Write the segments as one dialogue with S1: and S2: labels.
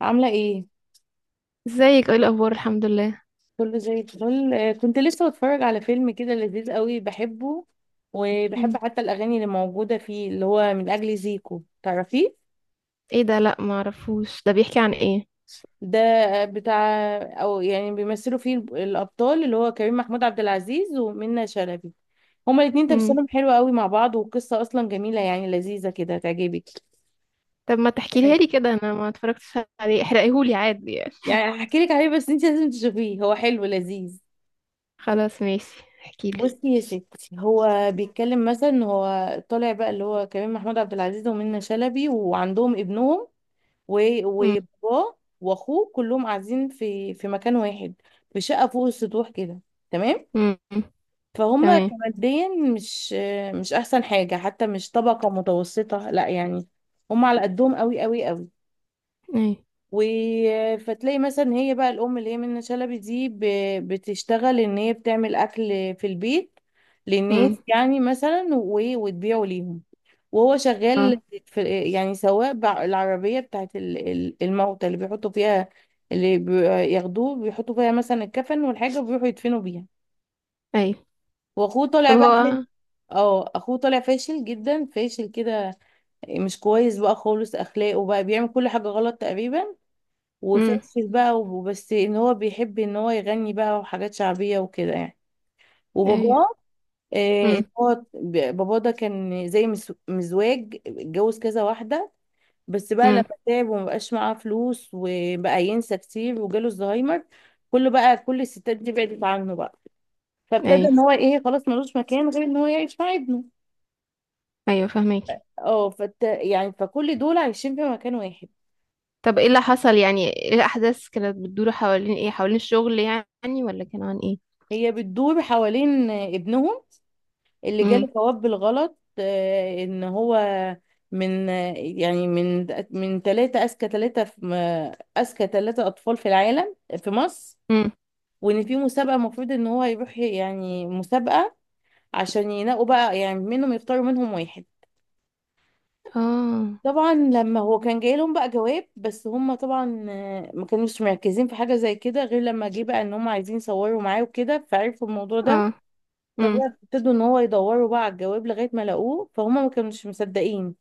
S1: عاملة ايه؟
S2: ازيك، ايه الاخبار؟ الحمد لله.
S1: كله زي الفل، كنت لسه بتفرج على فيلم كده لذيذ قوي بحبه، وبحب
S2: مم.
S1: حتى الأغاني اللي موجودة فيه، اللي هو من أجل زيكو، تعرفيه؟
S2: ايه ده؟ لا ما اعرفوش، ده بيحكي عن ايه؟
S1: ده بتاع، أو يعني بيمثلوا فيه الأبطال، اللي هو كريم محمود عبد العزيز ومنة شلبي. هما الاتنين
S2: مم.
S1: تمثيلهم حلو قوي مع بعض، والقصة أصلا جميلة يعني لذيذة كده تعجبك.
S2: طب ما تحكيلي
S1: يعني
S2: لي كده، انا ما اتفرجتش عليه، احرقيهولي عادي يعني.
S1: يعني هحكي لك عليه، بس انت لازم تشوفيه، هو حلو لذيذ.
S2: خلاص ماشي، احكيلي.
S1: بصي يا ستي، هو بيتكلم مثلا، هو طالع بقى اللي هو كريم محمود عبد العزيز ومنى شلبي، وعندهم ابنهم،
S2: مم.
S1: وباباه واخوه، كلهم قاعدين في مكان واحد، في شقه فوق السطوح كده، تمام.
S2: مم.
S1: فهم
S2: تمام.
S1: كماديا، مش احسن حاجه، حتى مش طبقه متوسطه لا يعني، هم على قدهم قوي قوي قوي.
S2: اي.
S1: و، فتلاقي مثلا هي بقى الام اللي هي منة شلبي دي بتشتغل ان هي بتعمل اكل في البيت
S2: مم.
S1: للناس، يعني مثلا، وتبيعه ليهم. وهو
S2: اه.
S1: شغال في يعني سواق العربية بتاعت الموتى، اللي بيحطوا فيها اللي بياخدوه، بيحطوا فيها مثلا الكفن والحاجة، وبيروحوا يدفنوا بيها.
S2: اي.
S1: واخوه طالع
S2: طب
S1: بقى فيه،
S2: هو،
S1: اه اخوه طالع فاشل جدا، فاشل كده، مش كويس بقى خالص، اخلاقه بقى بيعمل كل حاجة غلط تقريبا،
S2: مم،
S1: وفاشل بقى، وبس ان هو بيحب ان هو يغني بقى وحاجات شعبية وكده يعني.
S2: ايوه.
S1: وباباه، إن
S2: مم.
S1: هو باباه ده كان زي مزواج، اتجوز كذا واحدة، بس بقى لما
S2: مم.
S1: تعب ومبقاش معاه فلوس وبقى ينسى كتير وجاله الزهايمر، كله بقى، كل الستات دي بعدت عنه بقى، فابتدى
S2: ايوه،
S1: ان هو ايه، خلاص ملوش مكان غير ان هو يعيش مع ابنه.
S2: ايوه فاهمك.
S1: اه يعني فكل دول عايشين في مكان واحد.
S2: طب ايه اللي حصل يعني؟ ايه الاحداث كانت بتدور حوالين ايه؟ حوالين الشغل يعني، ولا كان عن ايه؟
S1: هي بتدور حوالين ابنهم اللي
S2: مم.
S1: جاله جواب بالغلط، ان هو من، يعني من ثلاثة أذكى ثلاثة في أذكى ثلاثة أطفال في العالم، في مصر.
S2: مم.
S1: وإن في مسابقة المفروض إن هو يروح، يعني مسابقة عشان ينقوا بقى، يعني منهم، يختاروا منهم واحد.
S2: اه.
S1: طبعا لما هو كان جاي لهم بقى جواب، بس هم طبعا ما كانوش مركزين في حاجة زي كده، غير لما جه بقى إن هم عايزين يصوروا معاه وكده، فعرفوا الموضوع ده.
S2: اه. مم.
S1: فبقى ابتدوا ان هو يدوروا بقى على الجواب لغاية ما لقوه، فهم ما كانوش مصدقين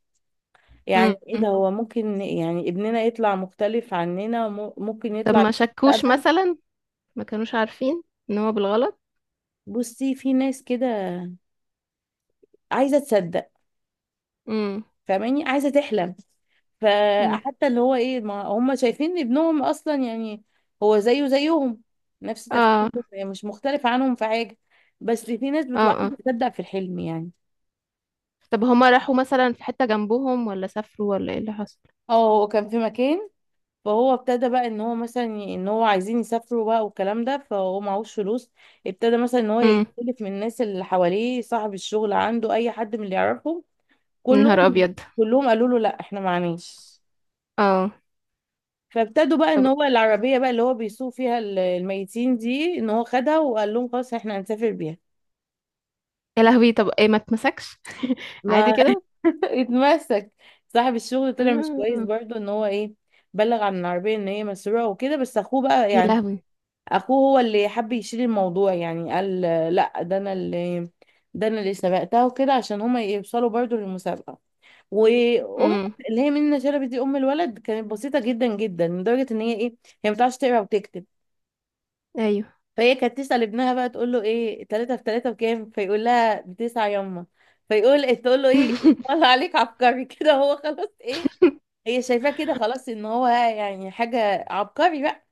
S1: يعني ايه
S2: مم.
S1: ده، هو ممكن يعني ابننا يطلع مختلف عننا، ممكن
S2: طب
S1: يطلع
S2: ما شكوش
S1: مستقبل.
S2: مثلا؟ ما كانوش عارفين ان هو بالغلط؟
S1: بصي في ناس كده عايزه تصدق،
S2: امم.
S1: فاهماني، عايزه تحلم.
S2: امم.
S1: فحتى اللي هو ايه، ما هم شايفين إن ابنهم اصلا يعني هو زيه زيهم، نفس
S2: اه.
S1: تفكيرهم، يعني مش مختلف عنهم في حاجه، بس في ناس
S2: اه.
S1: بتبقى
S2: اه،
S1: عايزه تصدق في الحلم يعني.
S2: طب هما راحوا مثلا في حتة جنبهم، ولا سافروا، ولا ايه اللي حصل؟
S1: اه هو كان في مكان، فهو ابتدى بقى ان هو مثلا ان هو عايزين يسافروا بقى والكلام ده، فهو معهوش فلوس، ابتدى مثلا ان هو
S2: امم.
S1: يستلف من الناس اللي حواليه، صاحب الشغل عنده اي حد من اللي يعرفهم،
S2: يا نهار
S1: كلهم
S2: ابيض.
S1: كلهم قالوا له لا احنا معناش.
S2: اه.
S1: فابتدوا بقى ان
S2: طب،
S1: هو العربية بقى اللي هو بيسوق فيها الميتين دي، ان هو خدها وقال لهم خلاص احنا هنسافر بيها.
S2: يا لهوي، طب ايه ما اتمسكش؟ عادي
S1: ما
S2: كده؟
S1: اتمسك. صاحب الشغل طلع مش كويس
S2: آه.
S1: برضه، ان هو ايه، بلغ عن العربية ان هي مسروقة وكده، بس اخوه بقى
S2: يا
S1: يعني،
S2: لهوي.
S1: اخوه هو اللي حب يشيل الموضوع، يعني قال لا ده انا اللي، ده انا اللي سبقتها وكده، عشان هما يوصلوا برضو للمسابقة. وام،
S2: امم.
S1: اللي هي منى شلبي دي ام الولد، كانت بسيطة جدا جدا، لدرجة ان هي ايه، هي ما بتعرفش تقرا وتكتب.
S2: ايوه.
S1: فهي كانت تسأل ابنها بقى تقول له ايه تلاتة في تلاتة بكام، فيقول لها بتسعة يما. فيقول تقول له ايه، طلع عليك عبقري كده، هو خلاص ايه، هي شايفاه كده خلاص ان هو يعني حاجة عبقري بقى.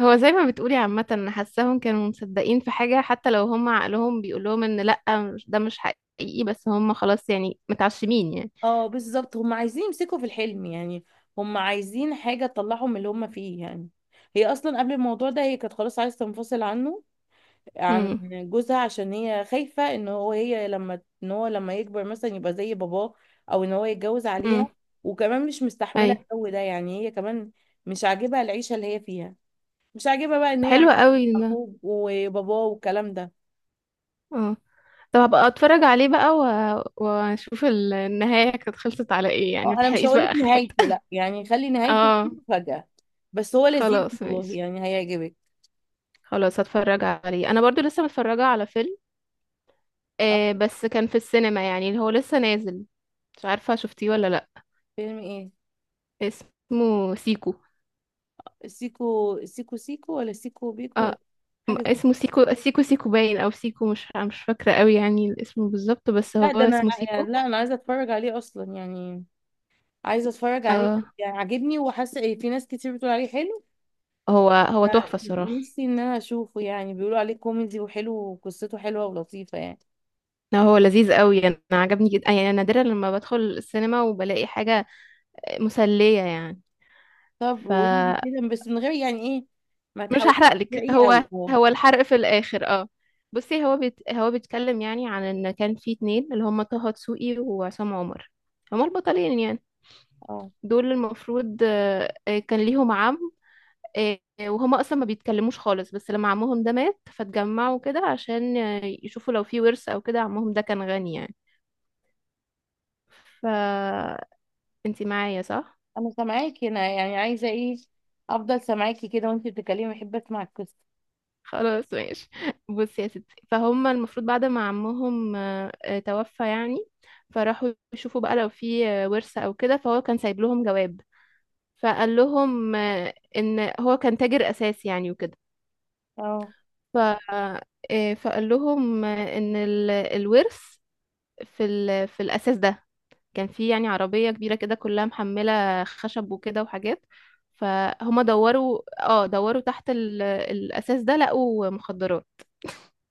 S2: هو زي ما بتقولي، عامة انا حاساهم كانوا مصدقين في حاجة، حتى لو هم عقلهم بيقول لهم ان لأ، ده مش حقيقي، بس هم خلاص يعني متعشمين يعني.
S1: اه بالظبط، هم عايزين يمسكوا في الحلم يعني، هم عايزين حاجة تطلعهم من اللي هم فيه يعني. هي اصلا قبل الموضوع ده هي كانت خلاص عايزة تنفصل عنه، عن
S2: امم.
S1: جوزها، عشان هي خايفة ان هو، هي لما ان هو لما يكبر مثلا يبقى زي باباه، او ان هو يتجوز عليها.
S2: امم.
S1: وكمان مش مستحملة
S2: ايوه.
S1: الجو ده، يعني هي كمان مش عاجبها العيشة اللي هي فيها، مش عاجبها بقى ان هي
S2: حلو
S1: عايشة
S2: قوي
S1: مع
S2: ده.
S1: أخوه وباباه والكلام ده.
S2: اه. طب هبقى اتفرج عليه بقى و... واشوف النهاية كانت خلصت على ايه يعني،
S1: اه انا مش
S2: متحرقيش
S1: هقولك
S2: بقى اخر حتة.
S1: نهايته لا يعني، خلي نهايته
S2: اه.
S1: دي مفاجأة، بس هو لذيذ
S2: خلاص
S1: والله،
S2: ماشي.
S1: يعني هيعجبك.
S2: خلاص هتفرج عليه. انا برضو لسه متفرجة على فيلم،
S1: اه.
S2: آه بس كان في السينما يعني، اللي هو لسه نازل. مش عارفة شفتيه ولا لا.
S1: فيلم ايه؟
S2: اسمه سيكو.
S1: سيكو سيكو سيكو ولا سيكو بيكو
S2: اه.
S1: ولا حاجه زي،
S2: اسمه سيكو سيكو سيكو باين، او سيكو، مش فاكرة قوي يعني الاسم بالظبط، بس هو
S1: لا ده انا،
S2: اسمه سيكو.
S1: لا انا عايزه اتفرج عليه اصلا يعني، عايزه اتفرج عليه،
S2: اه.
S1: يعني عاجبني وحاسه في ناس كتير بتقول عليه حلو.
S2: هو هو تحفة الصراحة.
S1: نفسي ان انا اشوفه، يعني بيقولوا عليه كوميدي وحلو وقصته حلوه ولطيفه يعني.
S2: لا هو لذيذ قوي، انا عجبني جدا يعني. أنا نادرا لما بدخل السينما وبلاقي حاجة مسلية يعني.
S1: طب قولي
S2: فمش
S1: كده بس من غير يعني ايه، ما تحاوليش
S2: هحرقلك،
S1: تسرقيه
S2: هو
S1: قوي اه.
S2: هو الحرق في الآخر اه. بصي، هو بيتكلم يعني عن ان كان في اتنين، اللي هم طه دسوقي وعصام عمر، هما البطلين يعني.
S1: اه
S2: دول المفروض، كان ليهم عم. آه، وهما اصلا ما بيتكلموش خالص، بس لما عمهم ده مات، فاتجمعوا كده عشان، آه، يشوفوا لو في ورث او كده. عمهم ده كان غني يعني. فانتي معايا، صح؟
S1: انا سامعاكي، انا يعني عايزه ايه، افضل سامعاكي كده وانت بتتكلمي، بحب اسمع القصه.
S2: خلاص ماشي. بصي يا ستي، فهم المفروض بعد ما عمهم، توفى يعني، فراحوا يشوفوا بقى لو في، آه، ورثة او كده. فهو كان سايب لهم جواب، فقال لهم، آه، ان هو كان تاجر اساسي يعني وكده.
S1: اه.
S2: ف آه، فقال لهم، آه، ان الورث في في الاساس ده، كان في يعني عربية كبيرة كده كلها محملة خشب وكده وحاجات. فهم دوروا، اه دوروا تحت الاساس ده، لقوا مخدرات.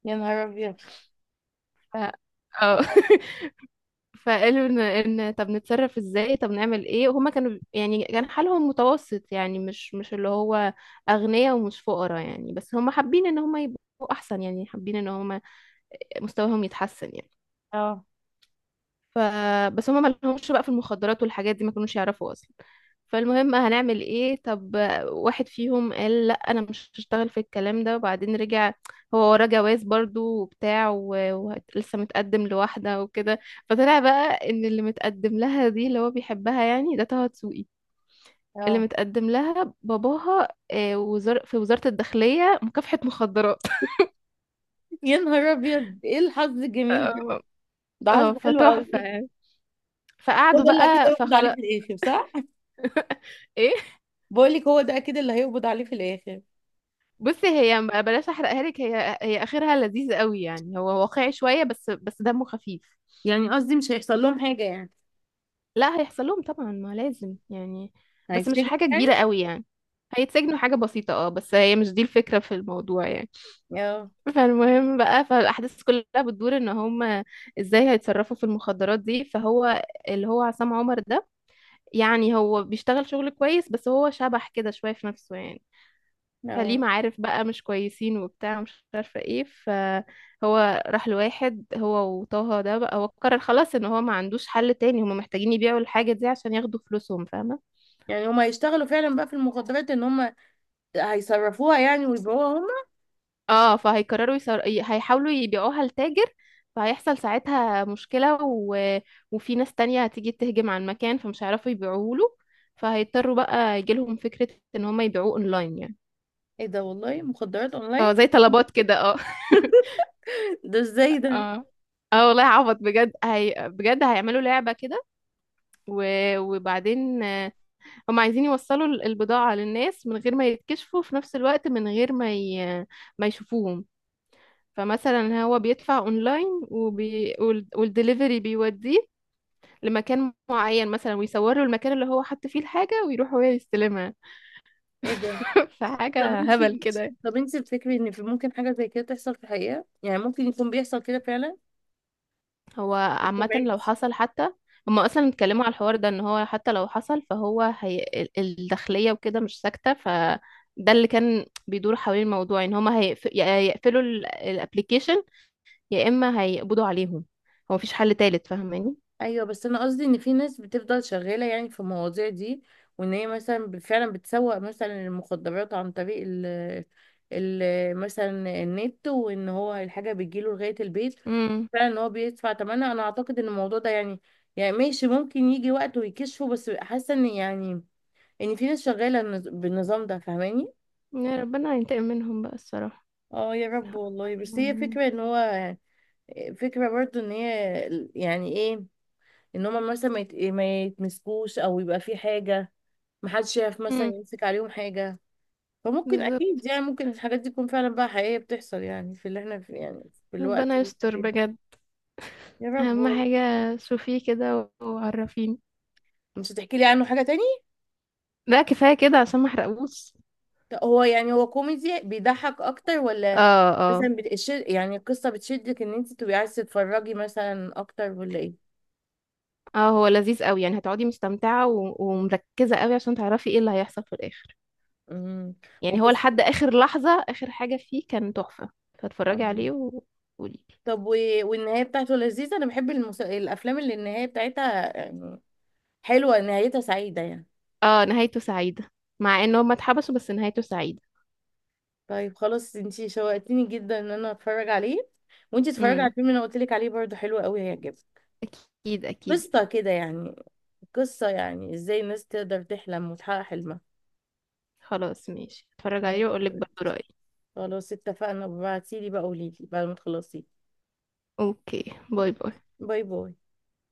S1: يا نهار ابيض.
S2: ف... اه.
S1: اه.
S2: فقالوا ان، ان طب نتصرف ازاي، طب نعمل ايه؟ وهما كانوا يعني كان حالهم متوسط يعني، مش اللي هو اغنياء، ومش فقراء يعني، بس هما حابين ان هما يبقوا احسن يعني، حابين ان هما مستواهم يتحسن يعني.
S1: اه.
S2: ف بس هما ما لهمش بقى في المخدرات والحاجات دي، ما كانوش يعرفوا اصلا. فالمهم هنعمل ايه طب؟ واحد فيهم قال لا انا مش هشتغل في الكلام ده، وبعدين رجع. هو وراه جواز برضو وبتاع، ولسه متقدم لواحدة وكده. فطلع بقى ان اللي متقدم لها دي اللي هو بيحبها يعني، ده طه دسوقي. اللي
S1: اه
S2: متقدم لها باباها، آه، وزار في وزارة الداخلية مكافحة مخدرات.
S1: يا نهار ابيض ايه الحظ الجميل ده،
S2: اه.
S1: ده
S2: آه،
S1: حظ حلو
S2: فتحفة
S1: قوي.
S2: يعني.
S1: هو
S2: فقعدوا
S1: ده اللي اكيد
S2: بقى،
S1: هيقبض عليه
S2: فخلاص.
S1: في الاخر صح؟
S2: ايه؟
S1: بقول لك هو ده اكيد اللي هيقبض عليه في الاخر.
S2: بصي هي يعني، بلاش احرقها لك، هي هي اخرها لذيذ قوي يعني، هو واقعي شويه، بس دمه خفيف.
S1: يعني قصدي مش هيحصل لهم حاجه يعني.
S2: لا هيحصل لهم طبعا، ما لازم يعني. بس مش
S1: هيتسجنوا
S2: حاجه
S1: يعني.
S2: كبيره قوي يعني. هيتسجنوا حاجه بسيطه اه، بس هي مش دي الفكره في الموضوع يعني.
S1: اه.
S2: فالمهم بقى، فالاحداث كلها بتدور ان هم ازاي هيتصرفوا في المخدرات دي. فهو، اللي هو عصام عمر ده، يعني هو بيشتغل شغل كويس، بس هو شبح كده شويه في نفسه يعني. فليه
S1: اه
S2: معارف بقى مش كويسين وبتاع، مش عارفة ايه، فهو راح لواحد، هو وطه ده بقى. هو قرر خلاص ان هو ما عندوش حل تاني، هما محتاجين يبيعوا الحاجة دي عشان ياخدوا فلوسهم، فاهمة؟
S1: يعني هم هيشتغلوا فعلا بقى في المخدرات، ان هم هيصرفوها يعني ويبيعوها هم.
S2: اه. فهيقرروا هيحاولوا يبيعوها لتاجر. فهيحصل ساعتها مشكلة، و... وفي ناس تانية هتيجي تهجم على المكان، فمش هيعرفوا يبيعوه له. فهيضطروا بقى، يجيلهم فكرة ان هما يبيعوه اونلاين يعني.
S1: ايه ده، والله مخدرات
S2: اه
S1: اونلاين؟
S2: زي طلبات كده اه.
S1: ده ازاي ده؟
S2: اه. اه والله عبط بجد، هي بجد هيعملوا لعبة كده. وبعدين، آه، هم عايزين يوصلوا البضاعة للناس من غير ما يتكشفوا، في نفس الوقت من غير ما ما يشوفوهم. فمثلا هو بيدفع اونلاين، والدليفري بيوديه لمكان معين مثلا، ويصوروا المكان اللي هو حط فيه الحاجة، ويروح هو يستلمها.
S1: ايه ده. طب
S2: فحاجة
S1: انت،
S2: هبل كده.
S1: طب انت بتفكري ان في ممكن حاجه زي كده تحصل في الحقيقه يعني، ممكن يكون بيحصل كده فعلا.
S2: هو
S1: طب
S2: عامة لو حصل حتى، هما أصلا اتكلموا على الحوار ده. إن هو حتى لو حصل، فهو ال- الداخلية وكده مش ساكتة. فده اللي كان بيدور حوالين الموضوع، إن هما يا يقفلوا الابليكيشن، يا إما هيقبضوا عليهم. هو مفيش حل تالت، فاهماني؟
S1: ايوه، بس انا قصدي ان في ناس بتفضل شغاله يعني في المواضيع دي، وان هي مثلا فعلا بتسوق مثلا المخدرات عن طريق ال مثلا النت، وان هو الحاجه بتجيله لغايه البيت،
S2: امم.
S1: فعلا ان هو بيدفع ثمنها. انا اعتقد ان الموضوع ده يعني، يعني ماشي ممكن يجي وقت ويكشفه، بس حاسه ان يعني، ان في ناس شغاله بالنظام ده، فاهماني.
S2: يا ربنا ينتقم منهم بقى الصراحة.
S1: اه يا رب
S2: حقهم
S1: والله، بس هي
S2: عليهم.
S1: فكره ان هو، فكره برضو ان هي يعني ايه، ان هما مثلا ما يتمسكوش، او يبقى في حاجه محدش يعرف مثلا
S2: امم.
S1: يمسك عليهم حاجة. فممكن أكيد،
S2: بالظبط.
S1: يعني ممكن الحاجات دي تكون فعلا بقى حقيقية بتحصل يعني في اللي احنا في يعني، في الوقت
S2: ربنا
S1: اللي احنا
S2: يستر
S1: فيه ده.
S2: بجد.
S1: يا رب
S2: أهم
S1: والله.
S2: حاجة شوفيه كده وعرفيني.
S1: مش هتحكي لي عنه حاجة تاني؟
S2: لا كفاية كده عشان ما احرقوش.
S1: هو يعني هو كوميدي بيضحك أكتر، ولا
S2: اه. اه.
S1: مثلا بتشد يعني القصة بتشدك إن أنت تبقي عايزة تتفرجي مثلا أكتر، ولا إيه؟
S2: اه، هو لذيذ قوي يعني، هتقعدي مستمتعة ومركزة قوي عشان تعرفي ايه اللي هيحصل في الآخر
S1: امم.
S2: يعني. هو
S1: وقصة،
S2: لحد آخر لحظة آخر حاجة فيه كان تحفة. فاتفرجي
S1: آه.
S2: عليه وقولي.
S1: طب والنهاية بتاعته لذيذة؟ أنا بحب الأفلام اللي النهاية بتاعتها يعني حلوة، نهايتها سعيدة يعني.
S2: اه نهايته سعيدة، مع ان هما اتحبسوا، بس نهايته سعيدة.
S1: طيب خلاص انتي شوقتيني جدا ان انا اتفرج عليه، وانتي اتفرجي على
S2: امم.
S1: الفيلم اللي انا قلت لك عليه برضه حلو قوي هيعجبك،
S2: اكيد اكيد.
S1: قصة كده يعني، قصة يعني ازاي الناس تقدر تحلم وتحقق حلمها.
S2: خلاص ماشي، اتفرج عليه
S1: ماشي
S2: واقولك برضه
S1: خلاص.
S2: رأيي.
S1: خلاص اتفقنا، ابعتيلي بقى قوليلي بعد ما تخلصي.
S2: اوكي، باي باي.
S1: باي باي.